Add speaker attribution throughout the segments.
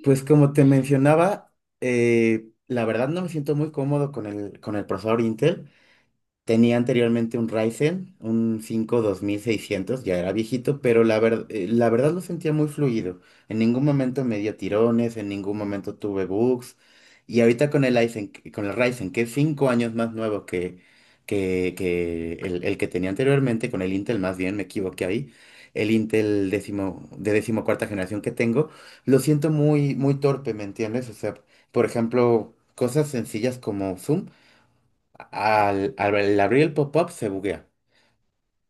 Speaker 1: Pues como te mencionaba, la verdad no me siento muy cómodo con con el procesador Intel. Tenía anteriormente un Ryzen, un 5 2600, ya era viejito, pero la verdad lo sentía muy fluido. En ningún momento me dio tirones, en ningún momento tuve bugs. Y ahorita con el con el Ryzen, que es 5 años más nuevo que el que tenía anteriormente, con el Intel más bien, me equivoqué ahí. El Intel de decimocuarta generación que tengo lo siento muy, muy torpe, ¿me entiendes? O sea, por ejemplo, cosas sencillas como Zoom. Al abrir el pop-up se buguea.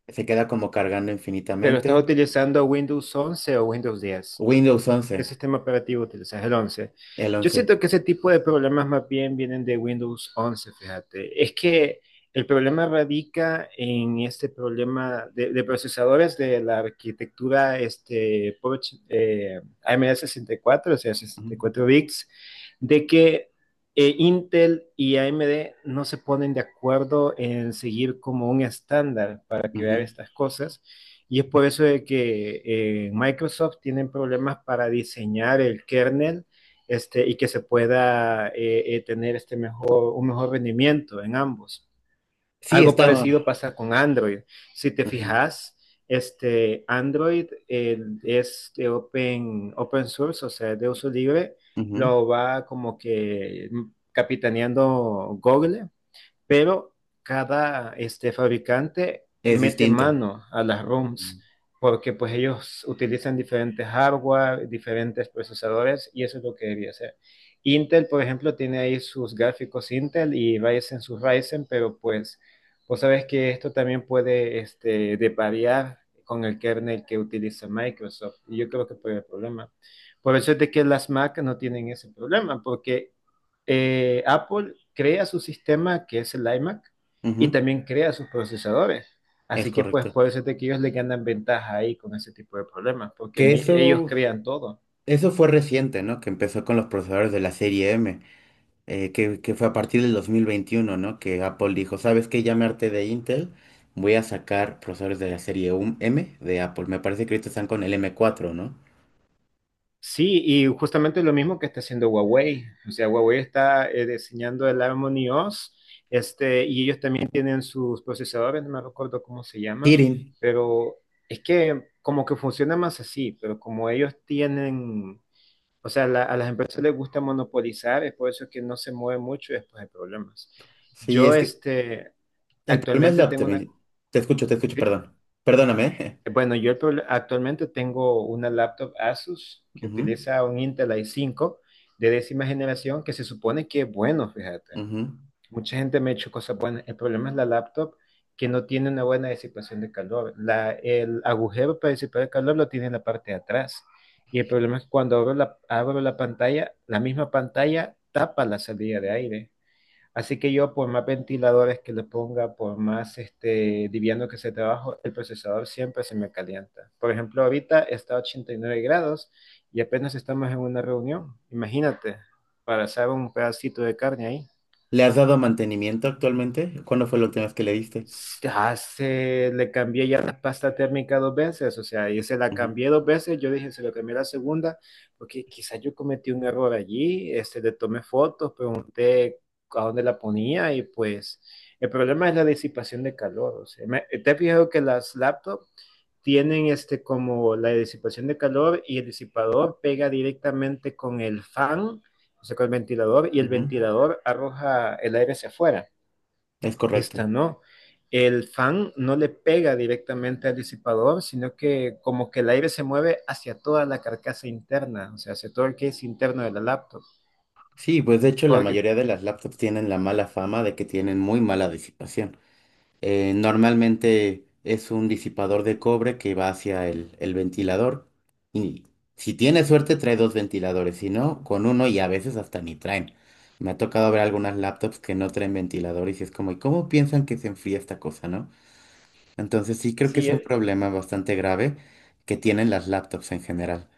Speaker 1: Se queda como cargando
Speaker 2: ¿Pero estás
Speaker 1: infinitamente.
Speaker 2: utilizando Windows 11 o Windows 10?
Speaker 1: Windows once.
Speaker 2: ¿Qué sistema operativo utilizas? ¿El 11?
Speaker 1: El
Speaker 2: Yo
Speaker 1: once.
Speaker 2: siento que ese tipo de problemas más bien vienen de Windows 11, fíjate. Es que el problema radica en este problema de procesadores de la arquitectura este, AMD 64, o sea,
Speaker 1: Ujú,
Speaker 2: 64 bits, de que Intel y AMD no se ponen de acuerdo en seguir como un estándar para crear
Speaker 1: ujú.
Speaker 2: estas cosas. Y es por eso de que Microsoft tienen problemas para diseñar el kernel este, y que se pueda tener un mejor rendimiento en ambos.
Speaker 1: Sí,
Speaker 2: Algo
Speaker 1: está.
Speaker 2: parecido pasa con Android. Si te
Speaker 1: Ujú,
Speaker 2: fijas, este, Android es de open source, o sea, de uso libre,
Speaker 1: ujú.
Speaker 2: lo va como que capitaneando Google, pero cada este, fabricante
Speaker 1: Es
Speaker 2: mete
Speaker 1: distinto.
Speaker 2: mano a las ROMs
Speaker 1: Ujú,
Speaker 2: porque pues ellos utilizan diferentes hardware, diferentes procesadores y eso es lo que debería hacer. Intel, por ejemplo, tiene ahí sus gráficos Intel y Ryzen sus Ryzen, pero pues vos sabes que esto también puede este, deparear con el kernel que utiliza Microsoft. Y yo creo que fue el problema. Por eso es de que las Mac no tienen ese problema, porque Apple crea su sistema que es el iMac y
Speaker 1: ujú.
Speaker 2: también crea sus procesadores.
Speaker 1: Es
Speaker 2: Así que pues
Speaker 1: correcto.
Speaker 2: puede ser de que ellos le ganan ventaja ahí con ese tipo de problemas, porque
Speaker 1: Que
Speaker 2: ellos
Speaker 1: eso,
Speaker 2: crean todo.
Speaker 1: eso fue reciente, ¿no? Que empezó con los procesadores de la serie M, que fue a partir del 2021, ¿no? Que Apple dijo, ¿sabes qué? Ya me harté de Intel, voy a sacar procesadores de la serie M de Apple. Me parece que ahorita están con el M4, ¿no?
Speaker 2: Sí, y justamente lo mismo que está haciendo Huawei. O sea, Huawei está diseñando el Harmony OS, este, y ellos también tienen sus procesadores, no me recuerdo cómo se llaman,
Speaker 1: Kirin.
Speaker 2: pero es que como que funciona más así, pero como ellos tienen, o sea, a las empresas les gusta monopolizar, es por eso que no se mueve mucho y después hay problemas.
Speaker 1: Sí,
Speaker 2: Yo,
Speaker 1: es que...
Speaker 2: este,
Speaker 1: El problema es la
Speaker 2: actualmente tengo una,
Speaker 1: optimización. Te escucho,
Speaker 2: ¿sí?
Speaker 1: perdón. Perdóname.
Speaker 2: Bueno, yo actualmente tengo una laptop Asus que
Speaker 1: Ujú,
Speaker 2: utiliza un Intel i5 de décima generación que se supone que es bueno, fíjate.
Speaker 1: ujú.
Speaker 2: Mucha gente me ha hecho cosas buenas. El problema es la laptop que no tiene una buena disipación de calor. La, el agujero para disipar el calor lo tiene en la parte de atrás. Y el problema es que cuando abro la pantalla, la misma pantalla tapa la salida de aire. Así que yo, por más ventiladores que le ponga, por más este, liviano que sea trabajo, el procesador siempre se me calienta. Por ejemplo, ahorita está a 89 grados y apenas estamos en una reunión. Imagínate, para asar un pedacito de carne ahí.
Speaker 1: ¿Le has dado mantenimiento actualmente? ¿Cuándo fue la última vez que le diste?
Speaker 2: Ya se le cambié ya la pasta térmica dos veces, o sea, yo se la
Speaker 1: Ujú,
Speaker 2: cambié dos veces, yo dije, se lo cambié la segunda, porque quizás yo cometí un error allí, este, le tomé fotos, pregunté a dónde la ponía y pues el problema es la disipación de calor, o sea, te he fijado que las laptops tienen este como la disipación de calor y el disipador pega directamente con el fan, o sea, con el ventilador y el
Speaker 1: ujú.
Speaker 2: ventilador arroja el aire hacia afuera.
Speaker 1: Es correcto.
Speaker 2: Esta no. El fan no le pega directamente al disipador, sino que como que el aire se mueve hacia toda la carcasa interna, o sea, hacia todo el que es interno de la laptop.
Speaker 1: Sí, pues de hecho la
Speaker 2: Porque,
Speaker 1: mayoría de las laptops tienen la mala fama de que tienen muy mala disipación. Normalmente es un disipador de cobre que va hacia el ventilador. Y si tienes suerte, trae dos ventiladores. Si no, con uno, y a veces hasta ni traen. Me ha tocado ver algunas laptops que no traen ventilador y si es como, ¿y cómo piensan que se enfría esta cosa, no? Entonces sí creo que es
Speaker 2: sí,
Speaker 1: un
Speaker 2: eh,
Speaker 1: problema bastante grave que tienen las laptops en general.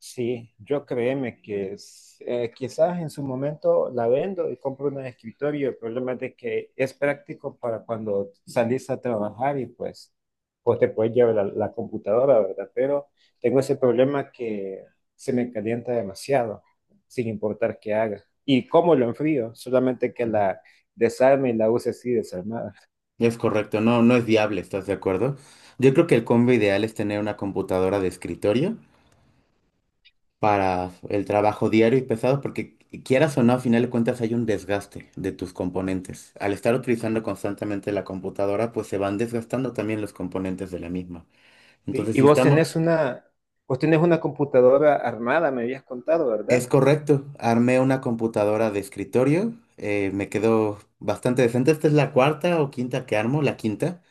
Speaker 2: Sí, yo créeme que quizás en su momento la vendo y compro una de escritorio. El problema es de que es práctico para cuando salís a trabajar y pues te puedes llevar la, la computadora, ¿verdad? Pero tengo ese problema que se me calienta demasiado, sin importar qué haga. ¿Y cómo lo enfrío? Solamente que
Speaker 1: Ujú.
Speaker 2: la desarme y la use así desarmada.
Speaker 1: Es correcto, no, no es viable, ¿estás de acuerdo? Yo creo que el combo ideal es tener una computadora de escritorio para el trabajo diario y pesado, porque quieras o no, a final de cuentas hay un desgaste de tus componentes. Al estar utilizando constantemente la computadora, pues se van desgastando también los componentes de la misma.
Speaker 2: ¿Sí?
Speaker 1: Entonces,
Speaker 2: Y
Speaker 1: si estamos,
Speaker 2: vos tenés una computadora armada, me habías contado, ¿verdad?
Speaker 1: es correcto, armé una computadora de escritorio, me quedó bastante decente. Esta es la cuarta o quinta que armo, la quinta.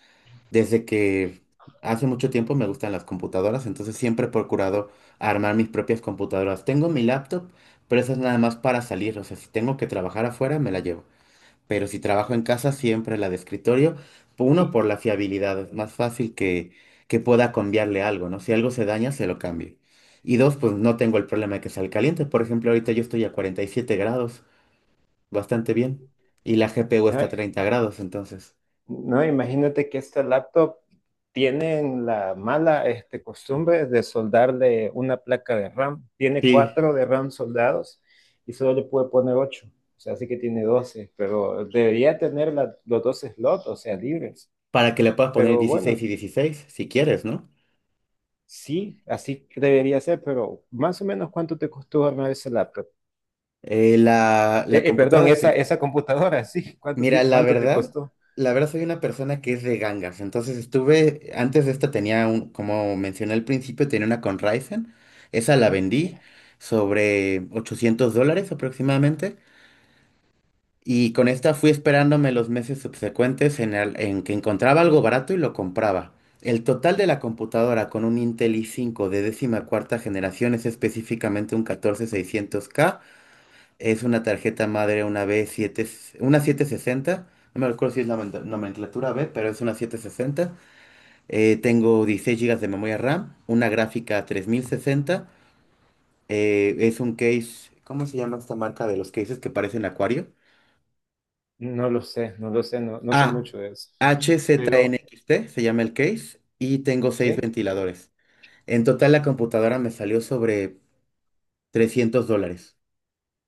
Speaker 1: Desde que hace mucho tiempo me gustan las computadoras, entonces siempre he procurado armar mis propias computadoras. Tengo mi laptop, pero esa es nada más para salir. O sea, si tengo que trabajar afuera, me la llevo. Pero si trabajo en casa, siempre la de escritorio. Uno,
Speaker 2: Y,
Speaker 1: por la fiabilidad. Es más fácil que pueda cambiarle algo, ¿no? Si algo se daña, se lo cambio. Y dos, pues no tengo el problema de que salga caliente. Por ejemplo, ahorita yo estoy a 47 grados, bastante bien. Y la GPU
Speaker 2: ¿no?
Speaker 1: está a 30 grados, entonces.
Speaker 2: No, imagínate que este laptop tienen la mala este, costumbre de soldarle una placa de RAM. Tiene
Speaker 1: Sí.
Speaker 2: cuatro de RAM soldados y solo le puede poner ocho. O sea, así que tiene 12, pero debería tener los dos slots, o sea, libres.
Speaker 1: Para que le puedas poner
Speaker 2: Pero
Speaker 1: 16
Speaker 2: bueno,
Speaker 1: y 16, si quieres, ¿no?
Speaker 2: sí, así que debería ser, pero ¿más o menos cuánto te costó armar ese laptop? Eh,
Speaker 1: La
Speaker 2: eh, perdón,
Speaker 1: computadora
Speaker 2: esa,
Speaker 1: escrita.
Speaker 2: esa computadora, sí, ¿cuánto,
Speaker 1: Mira,
Speaker 2: ti-
Speaker 1: la
Speaker 2: cuánto te
Speaker 1: verdad,
Speaker 2: costó?
Speaker 1: la verdad soy una persona que es de gangas. Entonces estuve, antes de esta tenía un, como mencioné al principio, tenía una con Ryzen. Esa la
Speaker 2: Sí.
Speaker 1: vendí sobre 800 dólares aproximadamente. Y con esta fui esperándome los meses subsecuentes en que encontraba algo barato y lo compraba. El total de la computadora con un Intel i5 de 14.ª generación es específicamente un 14600K. Es una tarjeta madre, una B7, una 760. No me acuerdo si es la nomenclatura B, pero es una 760. Tengo 16 gigas de memoria RAM, una gráfica 3060. Es un case. ¿Cómo se llama esta marca de los cases que parecen acuario?
Speaker 2: No lo sé, no lo sé, no, no sé
Speaker 1: A,
Speaker 2: mucho de eso. Pero,
Speaker 1: HZNXT, se llama el case, y tengo seis
Speaker 2: ¿sí?
Speaker 1: ventiladores. En total la computadora me salió sobre 300 dólares,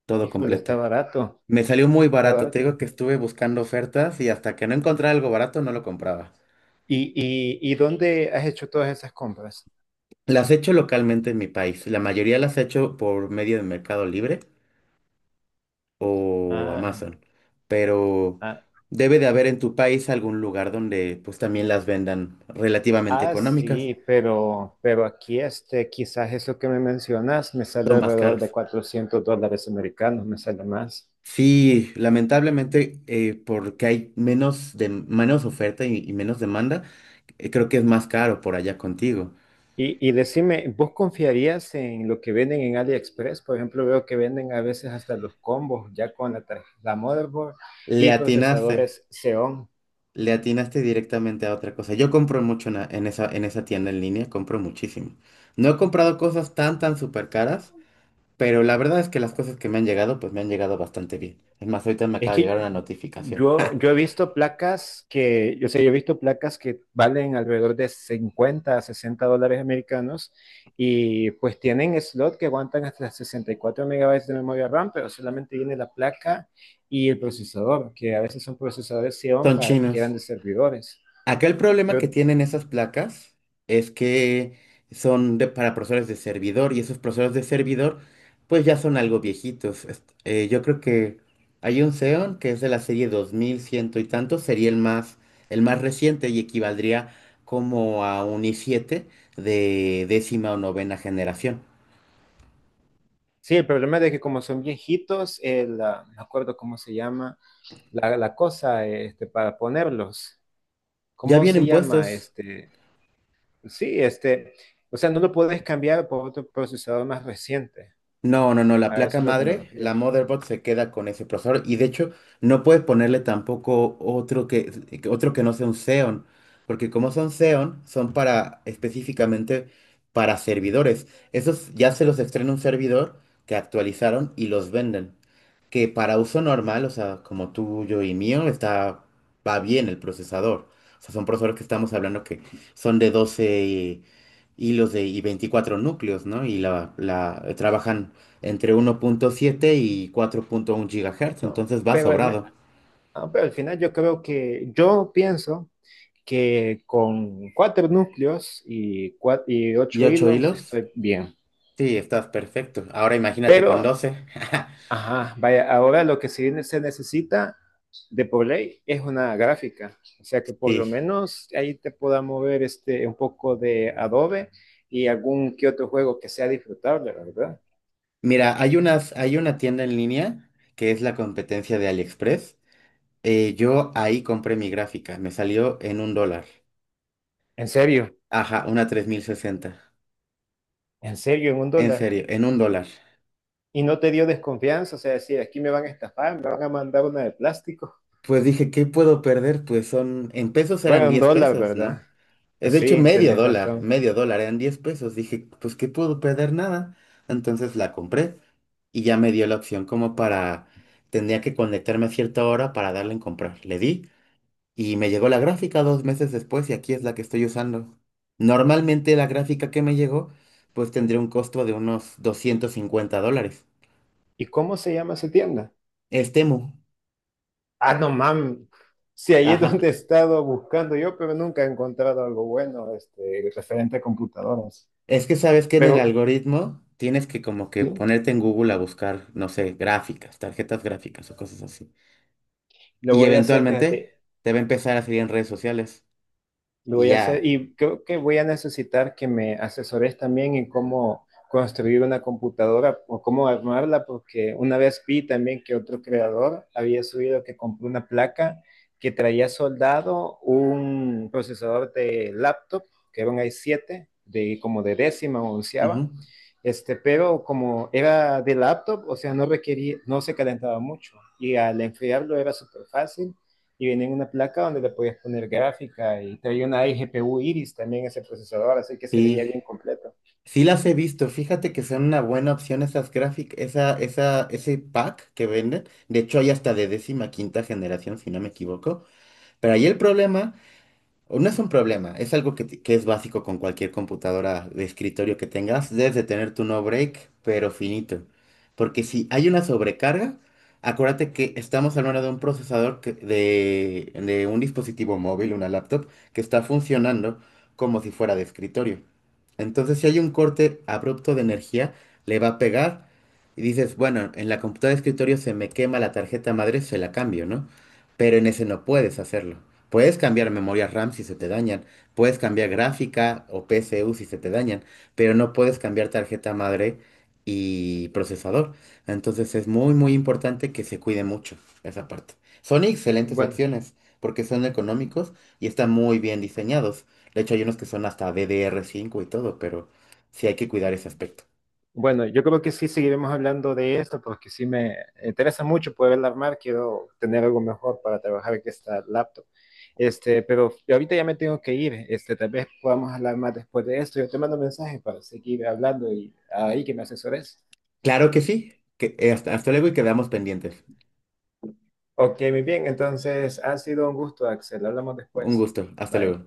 Speaker 1: todo
Speaker 2: Híjole,
Speaker 1: completo.
Speaker 2: está barato,
Speaker 1: Me salió muy
Speaker 2: está
Speaker 1: barato, te
Speaker 2: barato.
Speaker 1: digo que estuve buscando ofertas, y hasta que no encontraba algo barato no lo compraba.
Speaker 2: ¿Y, y dónde has hecho todas esas compras?
Speaker 1: Las he hecho localmente en mi país, la mayoría las he hecho por medio de Mercado Libre o
Speaker 2: Ah,
Speaker 1: Amazon, pero
Speaker 2: ah,
Speaker 1: debe de haber en tu país algún lugar donde pues también las vendan relativamente
Speaker 2: ah,
Speaker 1: económicas.
Speaker 2: sí, pero, aquí este, quizás eso que me mencionas me sale
Speaker 1: Son más
Speaker 2: alrededor de
Speaker 1: caras.
Speaker 2: $400 americanos, me sale más.
Speaker 1: Sí, lamentablemente, porque hay menos, de, menos oferta y menos demanda, creo que es más caro por allá contigo.
Speaker 2: y decime, ¿vos confiarías en lo que venden en AliExpress? Por ejemplo, veo que venden a veces hasta los combos ya con la motherboard
Speaker 1: Le
Speaker 2: y
Speaker 1: atinaste,
Speaker 2: procesadores Xeon.
Speaker 1: le atinaste directamente a otra cosa. Yo compro mucho en esa tienda en línea, compro muchísimo. No he comprado cosas tan, tan súper caras, pero la verdad es que las cosas que me han llegado, pues me han llegado bastante bien. Es más, ahorita me
Speaker 2: Es
Speaker 1: acaba de llegar una
Speaker 2: que
Speaker 1: notificación.
Speaker 2: yo, yo he visto placas que, yo sé, yo he visto placas que valen alrededor de $50 a $60 americanos y pues tienen slot que aguantan hasta 64 megabytes de memoria RAM, pero solamente viene la placa y el procesador, que a veces son procesadores Xeon
Speaker 1: Son
Speaker 2: para, que eran
Speaker 1: chinos.
Speaker 2: de servidores.
Speaker 1: Acá el problema que
Speaker 2: Pero
Speaker 1: tienen esas placas es que son para procesadores de servidor, y esos procesadores de servidor pues ya son algo viejitos. Yo creo que hay un Xeon que es de la serie 2100 y tanto, sería el más reciente y equivaldría como a un i7 de 10.ª o novena generación.
Speaker 2: sí, el problema es de que como son viejitos, ah, no me acuerdo cómo se llama la cosa este, para ponerlos.
Speaker 1: Ya
Speaker 2: ¿Cómo se
Speaker 1: vienen
Speaker 2: llama
Speaker 1: puestos.
Speaker 2: este? Sí, este, o sea, no lo puedes cambiar por otro procesador más reciente.
Speaker 1: No, no, no, la
Speaker 2: A eso
Speaker 1: placa
Speaker 2: es lo que me
Speaker 1: madre,
Speaker 2: refiero.
Speaker 1: la motherboard se queda con ese procesador, y de hecho no puedes ponerle tampoco otro que no sea un Xeon, porque como son Xeon, son para específicamente para servidores. Esos ya se los estrena un servidor que actualizaron y los venden, que para uso normal, o sea, como tuyo y mío, está, va bien el procesador. O sea, son procesadores que estamos hablando que son de 12 y 24 núcleos, ¿no? Y trabajan entre 1.7 y 4.1 gigahertz,
Speaker 2: No,
Speaker 1: entonces va
Speaker 2: pero
Speaker 1: sobrado.
Speaker 2: ah, pero al final yo creo que, yo pienso que con cuatro núcleos y, y
Speaker 1: ¿Y
Speaker 2: ocho
Speaker 1: 8
Speaker 2: hilos
Speaker 1: hilos?
Speaker 2: estoy bien.
Speaker 1: Sí, estás perfecto. Ahora imagínate
Speaker 2: Pero,
Speaker 1: con 12.
Speaker 2: ajá, vaya, ahora lo que sí se necesita de por ley es una gráfica. O sea que por lo
Speaker 1: Sí.
Speaker 2: menos ahí te pueda mover este, un poco de Adobe y algún que otro juego que sea disfrutable, ¿verdad?
Speaker 1: Mira, hay una tienda en línea que es la competencia de AliExpress. Yo ahí compré mi gráfica, me salió en un dólar.
Speaker 2: En serio.
Speaker 1: Ajá, una tres mil sesenta.
Speaker 2: En serio, en un
Speaker 1: En
Speaker 2: dólar.
Speaker 1: serio, en un dólar.
Speaker 2: Y no te dio desconfianza, o sea, decir, aquí me van a estafar, me van a mandar una de plástico.
Speaker 1: Pues dije, ¿qué puedo perder? Pues son, en pesos eran
Speaker 2: Bueno, un
Speaker 1: 10
Speaker 2: dólar,
Speaker 1: pesos,
Speaker 2: ¿verdad?
Speaker 1: ¿no? Es de hecho
Speaker 2: Sí, tenés razón.
Speaker 1: medio dólar, eran 10 pesos. Dije, pues ¿qué puedo perder? Nada. Entonces la compré, y ya me dio la opción como para... Tendría que conectarme a cierta hora para darle en comprar. Le di. Y me llegó la gráfica 2 meses después, y aquí es la que estoy usando. Normalmente la gráfica que me llegó pues tendría un costo de unos 250 dólares.
Speaker 2: ¿Y cómo se llama esa tienda?
Speaker 1: Es Temu.
Speaker 2: Ah, no, mam. Sí, ahí es donde
Speaker 1: Ajá.
Speaker 2: he estado buscando yo, pero nunca he encontrado algo bueno, este, referente a computadoras.
Speaker 1: Es que sabes que en el
Speaker 2: Pero,
Speaker 1: algoritmo tienes que como que
Speaker 2: sí,
Speaker 1: ponerte en Google a buscar, no sé, gráficas, tarjetas gráficas o cosas así.
Speaker 2: lo
Speaker 1: Y
Speaker 2: voy a hacer, fíjate.
Speaker 1: eventualmente te va a empezar a salir en redes sociales.
Speaker 2: Lo
Speaker 1: Y
Speaker 2: voy a hacer
Speaker 1: ya.
Speaker 2: y creo que voy a necesitar que me asesores también en cómo construir una computadora o cómo armarla, porque una vez vi también que otro creador había subido que compró una placa que traía soldado un procesador de laptop, que era un i7, de como de décima o onceava,
Speaker 1: Ujú.
Speaker 2: este, pero como era de laptop, o sea, no requería, no se calentaba mucho y al enfriarlo era súper fácil y venía en una placa donde le podías poner gráfica y traía una iGPU Iris también ese procesador, así que se veía
Speaker 1: Sí.
Speaker 2: bien completo.
Speaker 1: Sí las he visto, fíjate que son una buena opción esas gráficas, ese pack que venden. De hecho, hay hasta de 15.ª generación, si no me equivoco. Pero ahí el problema, o no es un problema, es algo que es básico con cualquier computadora de escritorio que tengas. Debes de tener tu no break, pero finito. Porque si hay una sobrecarga, acuérdate que estamos hablando de un de un dispositivo móvil, una laptop, que está funcionando como si fuera de escritorio. Entonces, si hay un corte abrupto de energía, le va a pegar, y dices, bueno, en la computadora de escritorio se me quema la tarjeta madre, se la cambio, ¿no? Pero en ese no puedes hacerlo. Puedes cambiar memoria RAM si se te dañan, puedes cambiar gráfica o PCU si se te dañan, pero no puedes cambiar tarjeta madre y procesador. Entonces es muy, muy importante que se cuide mucho esa parte. Son
Speaker 2: Eh,
Speaker 1: excelentes
Speaker 2: bueno,
Speaker 1: opciones porque son económicos y están muy bien diseñados. De hecho, hay unos que son hasta DDR5 y todo, pero sí hay que cuidar ese aspecto.
Speaker 2: bueno, yo creo que sí seguiremos hablando de esto porque sí me interesa mucho poder armar, quiero tener algo mejor para trabajar que esta laptop. Este, pero ahorita ya me tengo que ir, este, tal vez podamos hablar más después de esto. Yo te mando mensaje para seguir hablando y ahí que me asesores.
Speaker 1: Claro que sí. Hasta, luego, y quedamos pendientes.
Speaker 2: Ok, muy bien, entonces ha sido un gusto, Axel, hablamos
Speaker 1: Un
Speaker 2: después.
Speaker 1: gusto. Hasta
Speaker 2: Bye.
Speaker 1: luego.